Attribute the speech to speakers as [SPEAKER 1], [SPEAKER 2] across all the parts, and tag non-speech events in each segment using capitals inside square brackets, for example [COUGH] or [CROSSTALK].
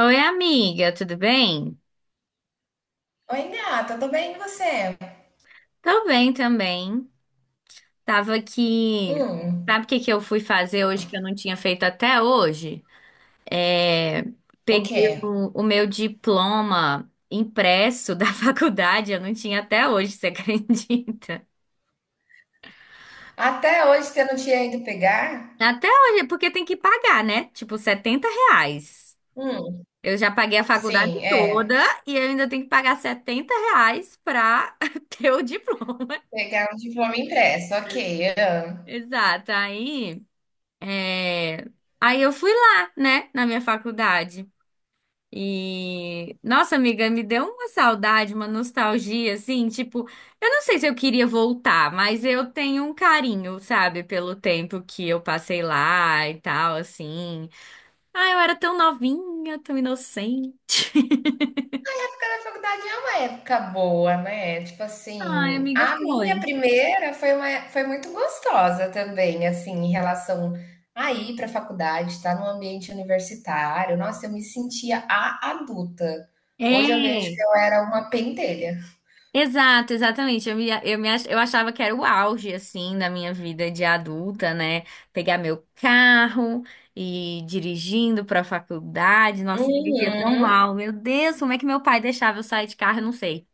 [SPEAKER 1] Oi, amiga, tudo bem?
[SPEAKER 2] Oi, gata, tô bem, e você?
[SPEAKER 1] Tô bem também. Tava aqui.
[SPEAKER 2] Hum,
[SPEAKER 1] Sabe o que que eu fui fazer hoje que eu não tinha feito até hoje? É,
[SPEAKER 2] o
[SPEAKER 1] peguei
[SPEAKER 2] quê?
[SPEAKER 1] o meu diploma impresso da [LAUGHS] faculdade, eu não tinha até hoje, você [LAUGHS] acredita?
[SPEAKER 2] Até hoje você não tinha ido pegar?
[SPEAKER 1] Até hoje, porque tem que pagar, né? Tipo, R$ 70.
[SPEAKER 2] Hum,
[SPEAKER 1] Eu já paguei a faculdade
[SPEAKER 2] sim, é.
[SPEAKER 1] toda e eu ainda tenho que pagar R$ 70 pra [LAUGHS] ter o diploma.
[SPEAKER 2] Pegar um diploma impresso, ok. Ah.
[SPEAKER 1] Exato. Aí. É, aí eu fui lá, né, na minha faculdade. E, nossa, amiga, me deu uma saudade, uma nostalgia, assim, tipo, eu não sei se eu queria voltar, mas eu tenho um carinho, sabe, pelo tempo que eu passei lá e tal, assim. Ah, eu era tão novinha, tão inocente. [LAUGHS]
[SPEAKER 2] A época da faculdade é uma época boa, né? Tipo
[SPEAKER 1] Ai,
[SPEAKER 2] assim,
[SPEAKER 1] amiga,
[SPEAKER 2] a minha
[SPEAKER 1] foi.
[SPEAKER 2] primeira foi, foi muito gostosa também, assim, em relação a ir pra faculdade, estar num ambiente universitário. Nossa, eu me sentia a adulta. Hoje eu vejo
[SPEAKER 1] É.
[SPEAKER 2] que eu era uma pentelha.
[SPEAKER 1] Exato, exatamente. Eu achava que era o auge, assim, da minha vida de adulta, né? Pegar meu carro e ir dirigindo para a faculdade. Nossa, eu dirigia tão
[SPEAKER 2] Uhum.
[SPEAKER 1] mal. Meu Deus, como é que meu pai deixava eu sair de carro? Eu não sei.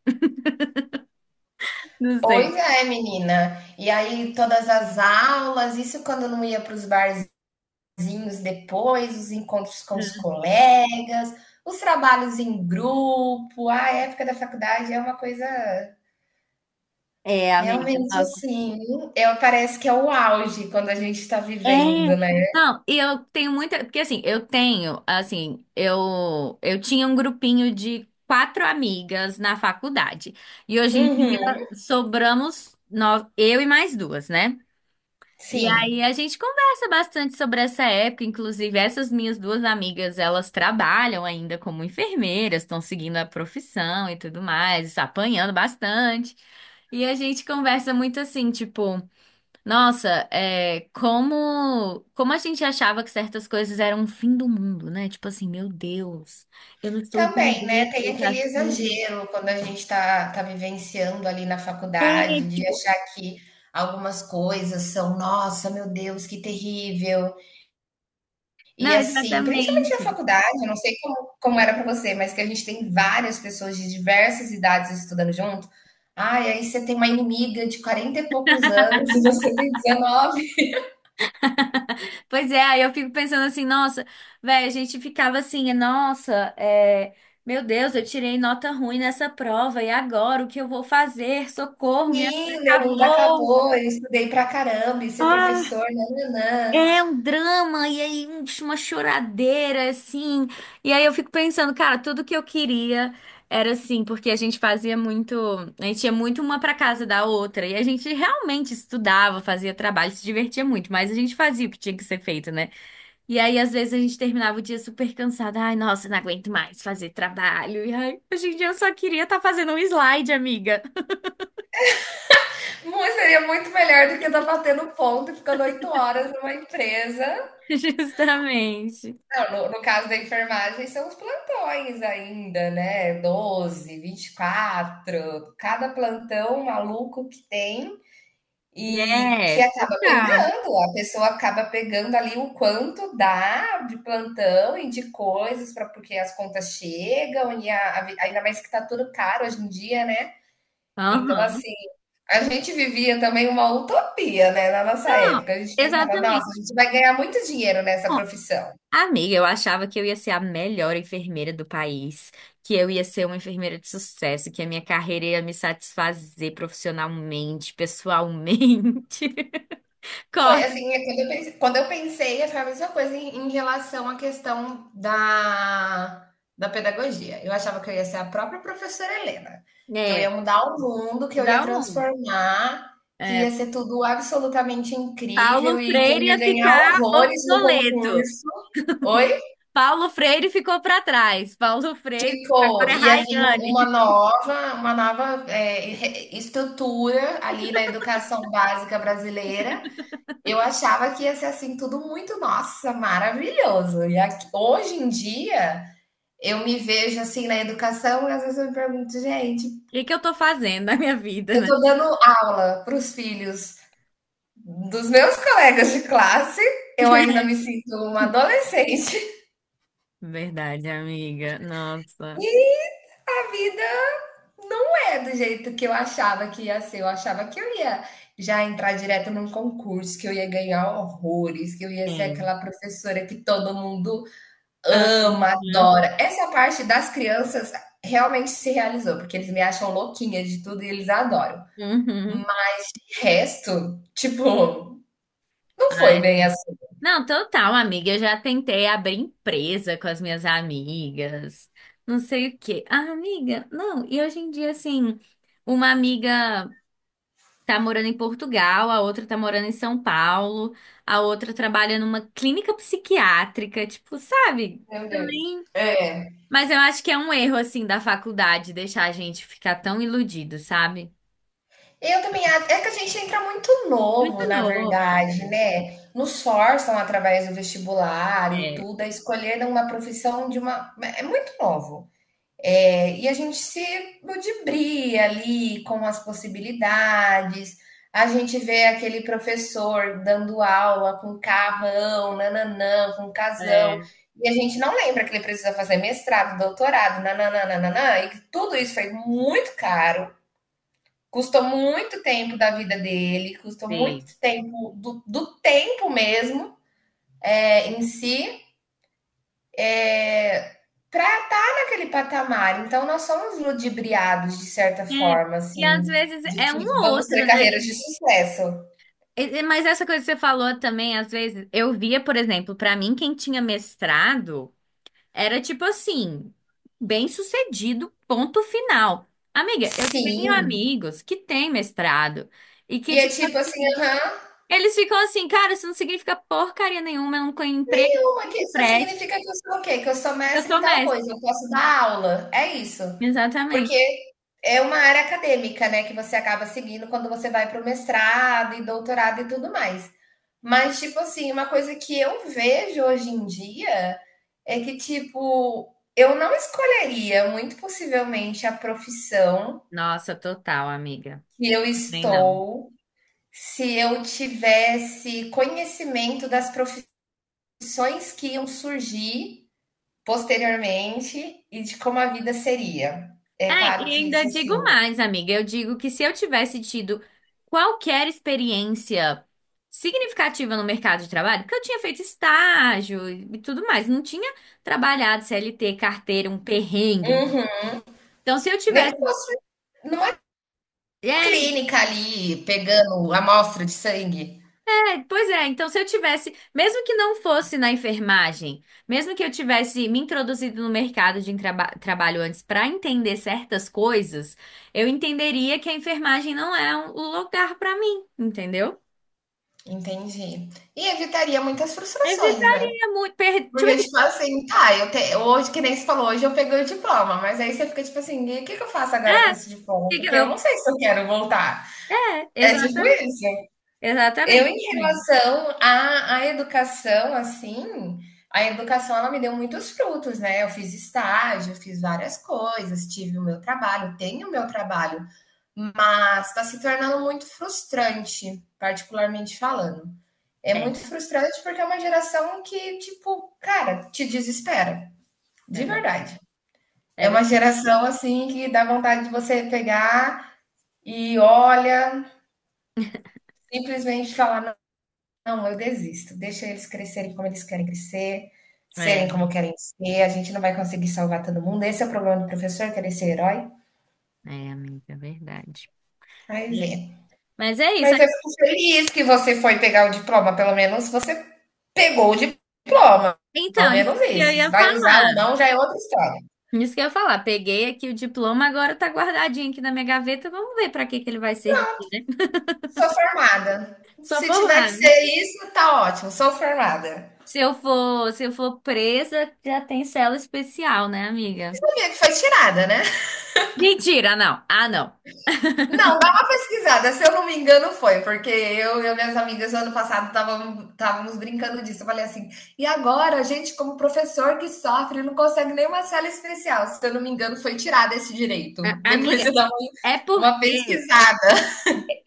[SPEAKER 1] [LAUGHS] Não sei.
[SPEAKER 2] Pois é, menina. E aí, todas as aulas, isso quando eu não ia para os barzinhos depois, os encontros com os colegas, os trabalhos em grupo, a época da faculdade é uma coisa
[SPEAKER 1] É, amiga,
[SPEAKER 2] realmente
[SPEAKER 1] nossa.
[SPEAKER 2] assim. Eu, parece que é o auge quando a gente está
[SPEAKER 1] É.
[SPEAKER 2] vivendo, né?
[SPEAKER 1] Não, e eu tenho muita, porque assim, eu tenho, assim, eu tinha um grupinho de quatro amigas na faculdade. E hoje em dia
[SPEAKER 2] Uhum.
[SPEAKER 1] sobramos nós, eu e mais duas, né? E
[SPEAKER 2] Sim.
[SPEAKER 1] aí a gente conversa bastante sobre essa época, inclusive essas minhas duas amigas, elas trabalham ainda como enfermeiras, estão seguindo a profissão e tudo mais, apanhando bastante. E a gente conversa muito assim, tipo, nossa, é, como a gente achava que certas coisas eram o fim do mundo, né? Tipo assim, meu Deus, eu não estou
[SPEAKER 2] Também,
[SPEAKER 1] entendendo
[SPEAKER 2] né, tem
[SPEAKER 1] esse
[SPEAKER 2] aquele
[SPEAKER 1] assunto.
[SPEAKER 2] exagero quando a gente está tá vivenciando ali na
[SPEAKER 1] É,
[SPEAKER 2] faculdade, de
[SPEAKER 1] tipo,
[SPEAKER 2] achar que algumas coisas são: "Nossa, meu Deus, que terrível". E
[SPEAKER 1] não,
[SPEAKER 2] assim, principalmente na
[SPEAKER 1] exatamente.
[SPEAKER 2] faculdade, eu não sei como era para você, mas que a gente tem várias pessoas de diversas idades estudando junto. Ai, aí você tem uma inimiga de 40 e poucos anos e você tem 19.
[SPEAKER 1] Pois é, aí eu fico pensando assim, nossa, velho, a gente ficava assim, nossa, é, meu Deus, eu tirei nota ruim nessa prova, e agora o que eu vou fazer? Socorro, minha vida
[SPEAKER 2] "Sim, meu mundo
[SPEAKER 1] acabou.
[SPEAKER 2] acabou, eu estudei pra caramba e ser
[SPEAKER 1] Ah,
[SPEAKER 2] professor, nã-nã-nã".
[SPEAKER 1] é um drama, e aí uma choradeira, assim. E aí eu fico pensando, cara, tudo que eu queria era assim, porque a gente fazia muito. A gente ia muito uma pra casa da outra, e a gente realmente estudava, fazia trabalho, se divertia muito, mas a gente fazia o que tinha que ser feito, né? E aí, às vezes, a gente terminava o dia super cansada. Ai, nossa, não aguento mais fazer trabalho. E ai, hoje em dia eu só queria estar fazendo um slide, amiga.
[SPEAKER 2] Muito- seria muito melhor do que estar batendo ponto e ficando oito horas numa empresa.
[SPEAKER 1] [LAUGHS] Justamente.
[SPEAKER 2] Não, no caso da enfermagem, são os plantões ainda, né? Doze vinte e quatro, cada plantão maluco que tem e
[SPEAKER 1] É,
[SPEAKER 2] que acaba
[SPEAKER 1] total.
[SPEAKER 2] pegando. A pessoa acaba pegando ali o quanto dá de plantão e de coisas, para porque as contas chegam, e a vi- ainda mais que tá tudo caro hoje em dia, né? Então,
[SPEAKER 1] Aham.
[SPEAKER 2] assim, a gente vivia também uma utopia, né, na nossa
[SPEAKER 1] Não,
[SPEAKER 2] época. A gente pensava: "Nossa,
[SPEAKER 1] exatamente.
[SPEAKER 2] a gente vai ganhar muito dinheiro nessa
[SPEAKER 1] Bom,
[SPEAKER 2] profissão".
[SPEAKER 1] amiga, eu achava que eu ia ser a melhor enfermeira do país, que eu ia ser uma enfermeira de sucesso, que a minha carreira ia me satisfazer profissionalmente, pessoalmente. [LAUGHS]
[SPEAKER 2] Foi
[SPEAKER 1] Corta.
[SPEAKER 2] assim, é quando eu pensei, foi a mesma coisa em relação à questão da pedagogia. Eu achava que eu ia ser a própria professora Helena, que eu
[SPEAKER 1] É,
[SPEAKER 2] ia mudar o mundo, que eu ia
[SPEAKER 1] dá um.
[SPEAKER 2] transformar, que ia
[SPEAKER 1] É,
[SPEAKER 2] ser tudo absolutamente incrível
[SPEAKER 1] Paulo
[SPEAKER 2] e que eu
[SPEAKER 1] Freire ia
[SPEAKER 2] ia ganhar
[SPEAKER 1] ficar
[SPEAKER 2] horrores no
[SPEAKER 1] obsoleto.
[SPEAKER 2] concurso. Oi?
[SPEAKER 1] Paulo Freire ficou para trás. Paulo Freire
[SPEAKER 2] Pô,
[SPEAKER 1] agora é
[SPEAKER 2] ia vir
[SPEAKER 1] Rayane. [LAUGHS]
[SPEAKER 2] uma nova é, re- estrutura ali na educação básica brasileira. Eu achava que ia ser assim tudo muito, nossa, maravilhoso. E aqui- hoje em dia eu me vejo assim na educação e às vezes eu me pergunto, gente,
[SPEAKER 1] O que é que eu tô fazendo na minha vida,
[SPEAKER 2] eu
[SPEAKER 1] né?
[SPEAKER 2] tô dando aula para os filhos dos meus colegas de classe, eu ainda
[SPEAKER 1] [LAUGHS]
[SPEAKER 2] me sinto uma adolescente. [LAUGHS]
[SPEAKER 1] Verdade, amiga. Nossa.
[SPEAKER 2] E a vida não é do jeito que eu achava que ia ser. Eu achava que eu ia já entrar direto num concurso, que eu ia ganhar horrores, que eu ia ser
[SPEAKER 1] Sim.
[SPEAKER 2] aquela professora que todo mundo ama,
[SPEAKER 1] Uhum.
[SPEAKER 2] adora. Essa parte das crianças realmente se realizou, porque eles me acham louquinha de tudo e eles adoram. Mas
[SPEAKER 1] Uhum.
[SPEAKER 2] o resto, tipo, não foi bem assim.
[SPEAKER 1] Não, total, amiga. Eu já tentei abrir empresa com as minhas amigas, não sei o quê. Ah, amiga, não. E hoje em dia, assim, uma amiga tá morando em Portugal, a outra tá morando em São Paulo, a outra trabalha numa clínica psiquiátrica, tipo, sabe?
[SPEAKER 2] Meu Deus.
[SPEAKER 1] Também.
[SPEAKER 2] É.
[SPEAKER 1] Mas eu acho que é um erro, assim, da faculdade deixar a gente ficar tão iludido, sabe?
[SPEAKER 2] Eu também acho. É que a gente entra muito
[SPEAKER 1] É
[SPEAKER 2] novo, na
[SPEAKER 1] novo,
[SPEAKER 2] verdade,
[SPEAKER 1] né?
[SPEAKER 2] né? Nos forçam através do vestibular e
[SPEAKER 1] É,
[SPEAKER 2] tudo a escolher uma profissão de uma. É muito novo. É, e a gente se ludibria ali com as possibilidades. A gente vê aquele professor dando aula com carrão, nananã, com casão.
[SPEAKER 1] é,
[SPEAKER 2] E a gente não lembra que ele precisa fazer mestrado, doutorado, nananã, nananã, e que tudo isso foi muito caro. Custou muito tempo da vida dele, custou muito
[SPEAKER 1] sei.
[SPEAKER 2] tempo do tempo mesmo é, em si é, para estar naquele patamar. Então, nós somos ludibriados de certa
[SPEAKER 1] É,
[SPEAKER 2] forma,
[SPEAKER 1] e às
[SPEAKER 2] assim,
[SPEAKER 1] vezes
[SPEAKER 2] de
[SPEAKER 1] é um
[SPEAKER 2] que
[SPEAKER 1] ou
[SPEAKER 2] vamos
[SPEAKER 1] outro,
[SPEAKER 2] ter
[SPEAKER 1] né?
[SPEAKER 2] carreiras de sucesso.
[SPEAKER 1] Mas essa coisa que você falou também, às vezes, eu via, por exemplo, pra mim, quem tinha mestrado. Era tipo assim, bem sucedido, ponto final. Amiga, eu tenho
[SPEAKER 2] Sim.
[SPEAKER 1] amigos que têm mestrado e que,
[SPEAKER 2] E é
[SPEAKER 1] tipo,
[SPEAKER 2] tipo assim, aham,
[SPEAKER 1] eles ficam assim, cara, isso não significa porcaria nenhuma, eu não tenho emprego
[SPEAKER 2] uma
[SPEAKER 1] que
[SPEAKER 2] que só
[SPEAKER 1] preste.
[SPEAKER 2] significa que eu sou o quê? Que eu sou
[SPEAKER 1] Eu
[SPEAKER 2] mestre em
[SPEAKER 1] sou
[SPEAKER 2] tal
[SPEAKER 1] mestre.
[SPEAKER 2] coisa, eu posso dar aula. É isso. Porque
[SPEAKER 1] Exatamente.
[SPEAKER 2] é uma área acadêmica, né, que você acaba seguindo quando você vai para o mestrado e doutorado e tudo mais. Mas, tipo assim, uma coisa que eu vejo hoje em dia é que, tipo, eu não escolheria, muito possivelmente, a profissão
[SPEAKER 1] Nossa, total, amiga.
[SPEAKER 2] que eu
[SPEAKER 1] Também não.
[SPEAKER 2] estou se eu tivesse conhecimento das profissões que iam surgir posteriormente e de como a vida seria. É
[SPEAKER 1] É,
[SPEAKER 2] claro
[SPEAKER 1] e
[SPEAKER 2] que
[SPEAKER 1] ainda
[SPEAKER 2] isso
[SPEAKER 1] digo
[SPEAKER 2] assim, uhum.
[SPEAKER 1] mais, amiga. Eu digo que se eu tivesse tido qualquer experiência significativa no mercado de trabalho, porque eu tinha feito estágio e tudo mais, não tinha trabalhado CLT, carteira, um perrengue. Então, se eu
[SPEAKER 2] Nem
[SPEAKER 1] tivesse.
[SPEAKER 2] que fosse numa clínica ali, pegando amostra de sangue.
[SPEAKER 1] É, pois é, então se eu tivesse, mesmo que não fosse na enfermagem, mesmo que eu tivesse me introduzido no mercado de trabalho antes para entender certas coisas, eu entenderia que a enfermagem não é o lugar para mim, entendeu?
[SPEAKER 2] Entendi. E evitaria muitas frustrações, né?
[SPEAKER 1] Evitaria muito. Tipo
[SPEAKER 2] Porque,
[SPEAKER 1] assim, por
[SPEAKER 2] tipo assim, tá, eu te... hoje, que nem você falou, hoje eu peguei o diploma, mas aí você fica tipo assim, e o que que eu faço agora com esse diploma?
[SPEAKER 1] que que
[SPEAKER 2] Porque eu
[SPEAKER 1] eu...
[SPEAKER 2] não sei se eu quero voltar.
[SPEAKER 1] É,
[SPEAKER 2] É tipo
[SPEAKER 1] exatamente.
[SPEAKER 2] isso. Eu
[SPEAKER 1] Exatamente,
[SPEAKER 2] em
[SPEAKER 1] assim.
[SPEAKER 2] relação à educação, assim, a educação ela me deu muitos frutos, né, eu fiz estágio, fiz várias coisas, tive o meu trabalho, tenho o meu trabalho, mas está se tornando muito frustrante, particularmente falando. É
[SPEAKER 1] É,
[SPEAKER 2] muito frustrante porque é uma geração que, tipo, cara, te desespera, de
[SPEAKER 1] é verdade.
[SPEAKER 2] verdade. É
[SPEAKER 1] É,
[SPEAKER 2] uma
[SPEAKER 1] verdade.
[SPEAKER 2] geração, assim, que dá vontade de você pegar e olha, simplesmente falar: não, eu desisto. Deixa eles crescerem como eles querem crescer, serem
[SPEAKER 1] é,
[SPEAKER 2] como querem ser. A gente não vai conseguir salvar todo mundo. Esse é o problema do professor, querer ser herói.
[SPEAKER 1] é, amiga, é verdade.
[SPEAKER 2] Aí
[SPEAKER 1] É.
[SPEAKER 2] vem.
[SPEAKER 1] Mas é isso.
[SPEAKER 2] Mas eu fico feliz que você foi pegar o diploma. Pelo menos você pegou o diploma. Ao
[SPEAKER 1] Então, isso
[SPEAKER 2] menos
[SPEAKER 1] que eu
[SPEAKER 2] isso. Se
[SPEAKER 1] ia
[SPEAKER 2] vai usar ou
[SPEAKER 1] falar.
[SPEAKER 2] não, já é outra história.
[SPEAKER 1] Isso que eu ia falar. Peguei aqui o diploma, agora tá guardadinho aqui na minha gaveta. Vamos ver pra que que ele vai servir.
[SPEAKER 2] Sou formada.
[SPEAKER 1] Só
[SPEAKER 2] Se tiver
[SPEAKER 1] formar.
[SPEAKER 2] que ser isso, tá ótimo. Sou formada.
[SPEAKER 1] Se eu for presa, já tem cela especial, né, amiga?
[SPEAKER 2] Sabia que foi tirada, né?
[SPEAKER 1] Mentira, não. Ah, não.
[SPEAKER 2] Não, dá uma pesquisada. Se eu não me engano, foi, porque eu e minhas amigas ano passado estávamos brincando disso. Eu falei assim, e agora a gente, como professor que sofre, não consegue nenhuma sala especial. Se eu não me engano, foi tirado esse direito. Depois
[SPEAKER 1] Amiga,
[SPEAKER 2] eu dava
[SPEAKER 1] é
[SPEAKER 2] uma
[SPEAKER 1] porque
[SPEAKER 2] pesquisada.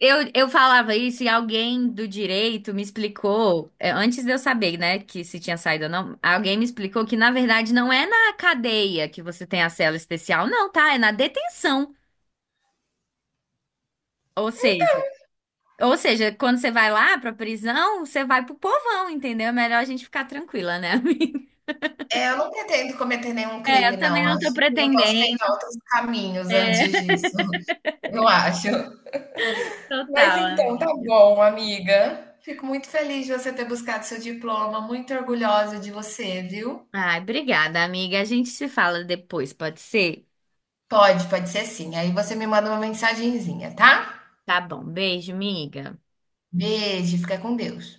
[SPEAKER 1] eu falava isso e alguém do direito me explicou, é, antes de eu saber, né, que se tinha saído ou não, alguém me explicou que, na verdade, não é na cadeia que você tem a cela especial, não, tá? É na detenção. Ou seja, quando você vai lá pra prisão, você vai pro povão, entendeu? É melhor a gente ficar tranquila, né, amiga? [LAUGHS]
[SPEAKER 2] É, eu não pretendo cometer nenhum
[SPEAKER 1] É,
[SPEAKER 2] crime,
[SPEAKER 1] eu também
[SPEAKER 2] não.
[SPEAKER 1] não tô
[SPEAKER 2] Acho que eu posso
[SPEAKER 1] pretendendo,
[SPEAKER 2] tentar outros caminhos antes disso. Eu acho. Mas
[SPEAKER 1] total,
[SPEAKER 2] então, tá
[SPEAKER 1] amiga.
[SPEAKER 2] bom, amiga. Fico muito feliz de você ter buscado seu diploma, muito orgulhosa de você, viu?
[SPEAKER 1] Ai, obrigada, amiga. A gente se fala depois, pode ser?
[SPEAKER 2] Pode, pode ser sim. Aí você me manda uma mensagenzinha, tá?
[SPEAKER 1] Tá bom, beijo, amiga.
[SPEAKER 2] Beijo, fica com Deus.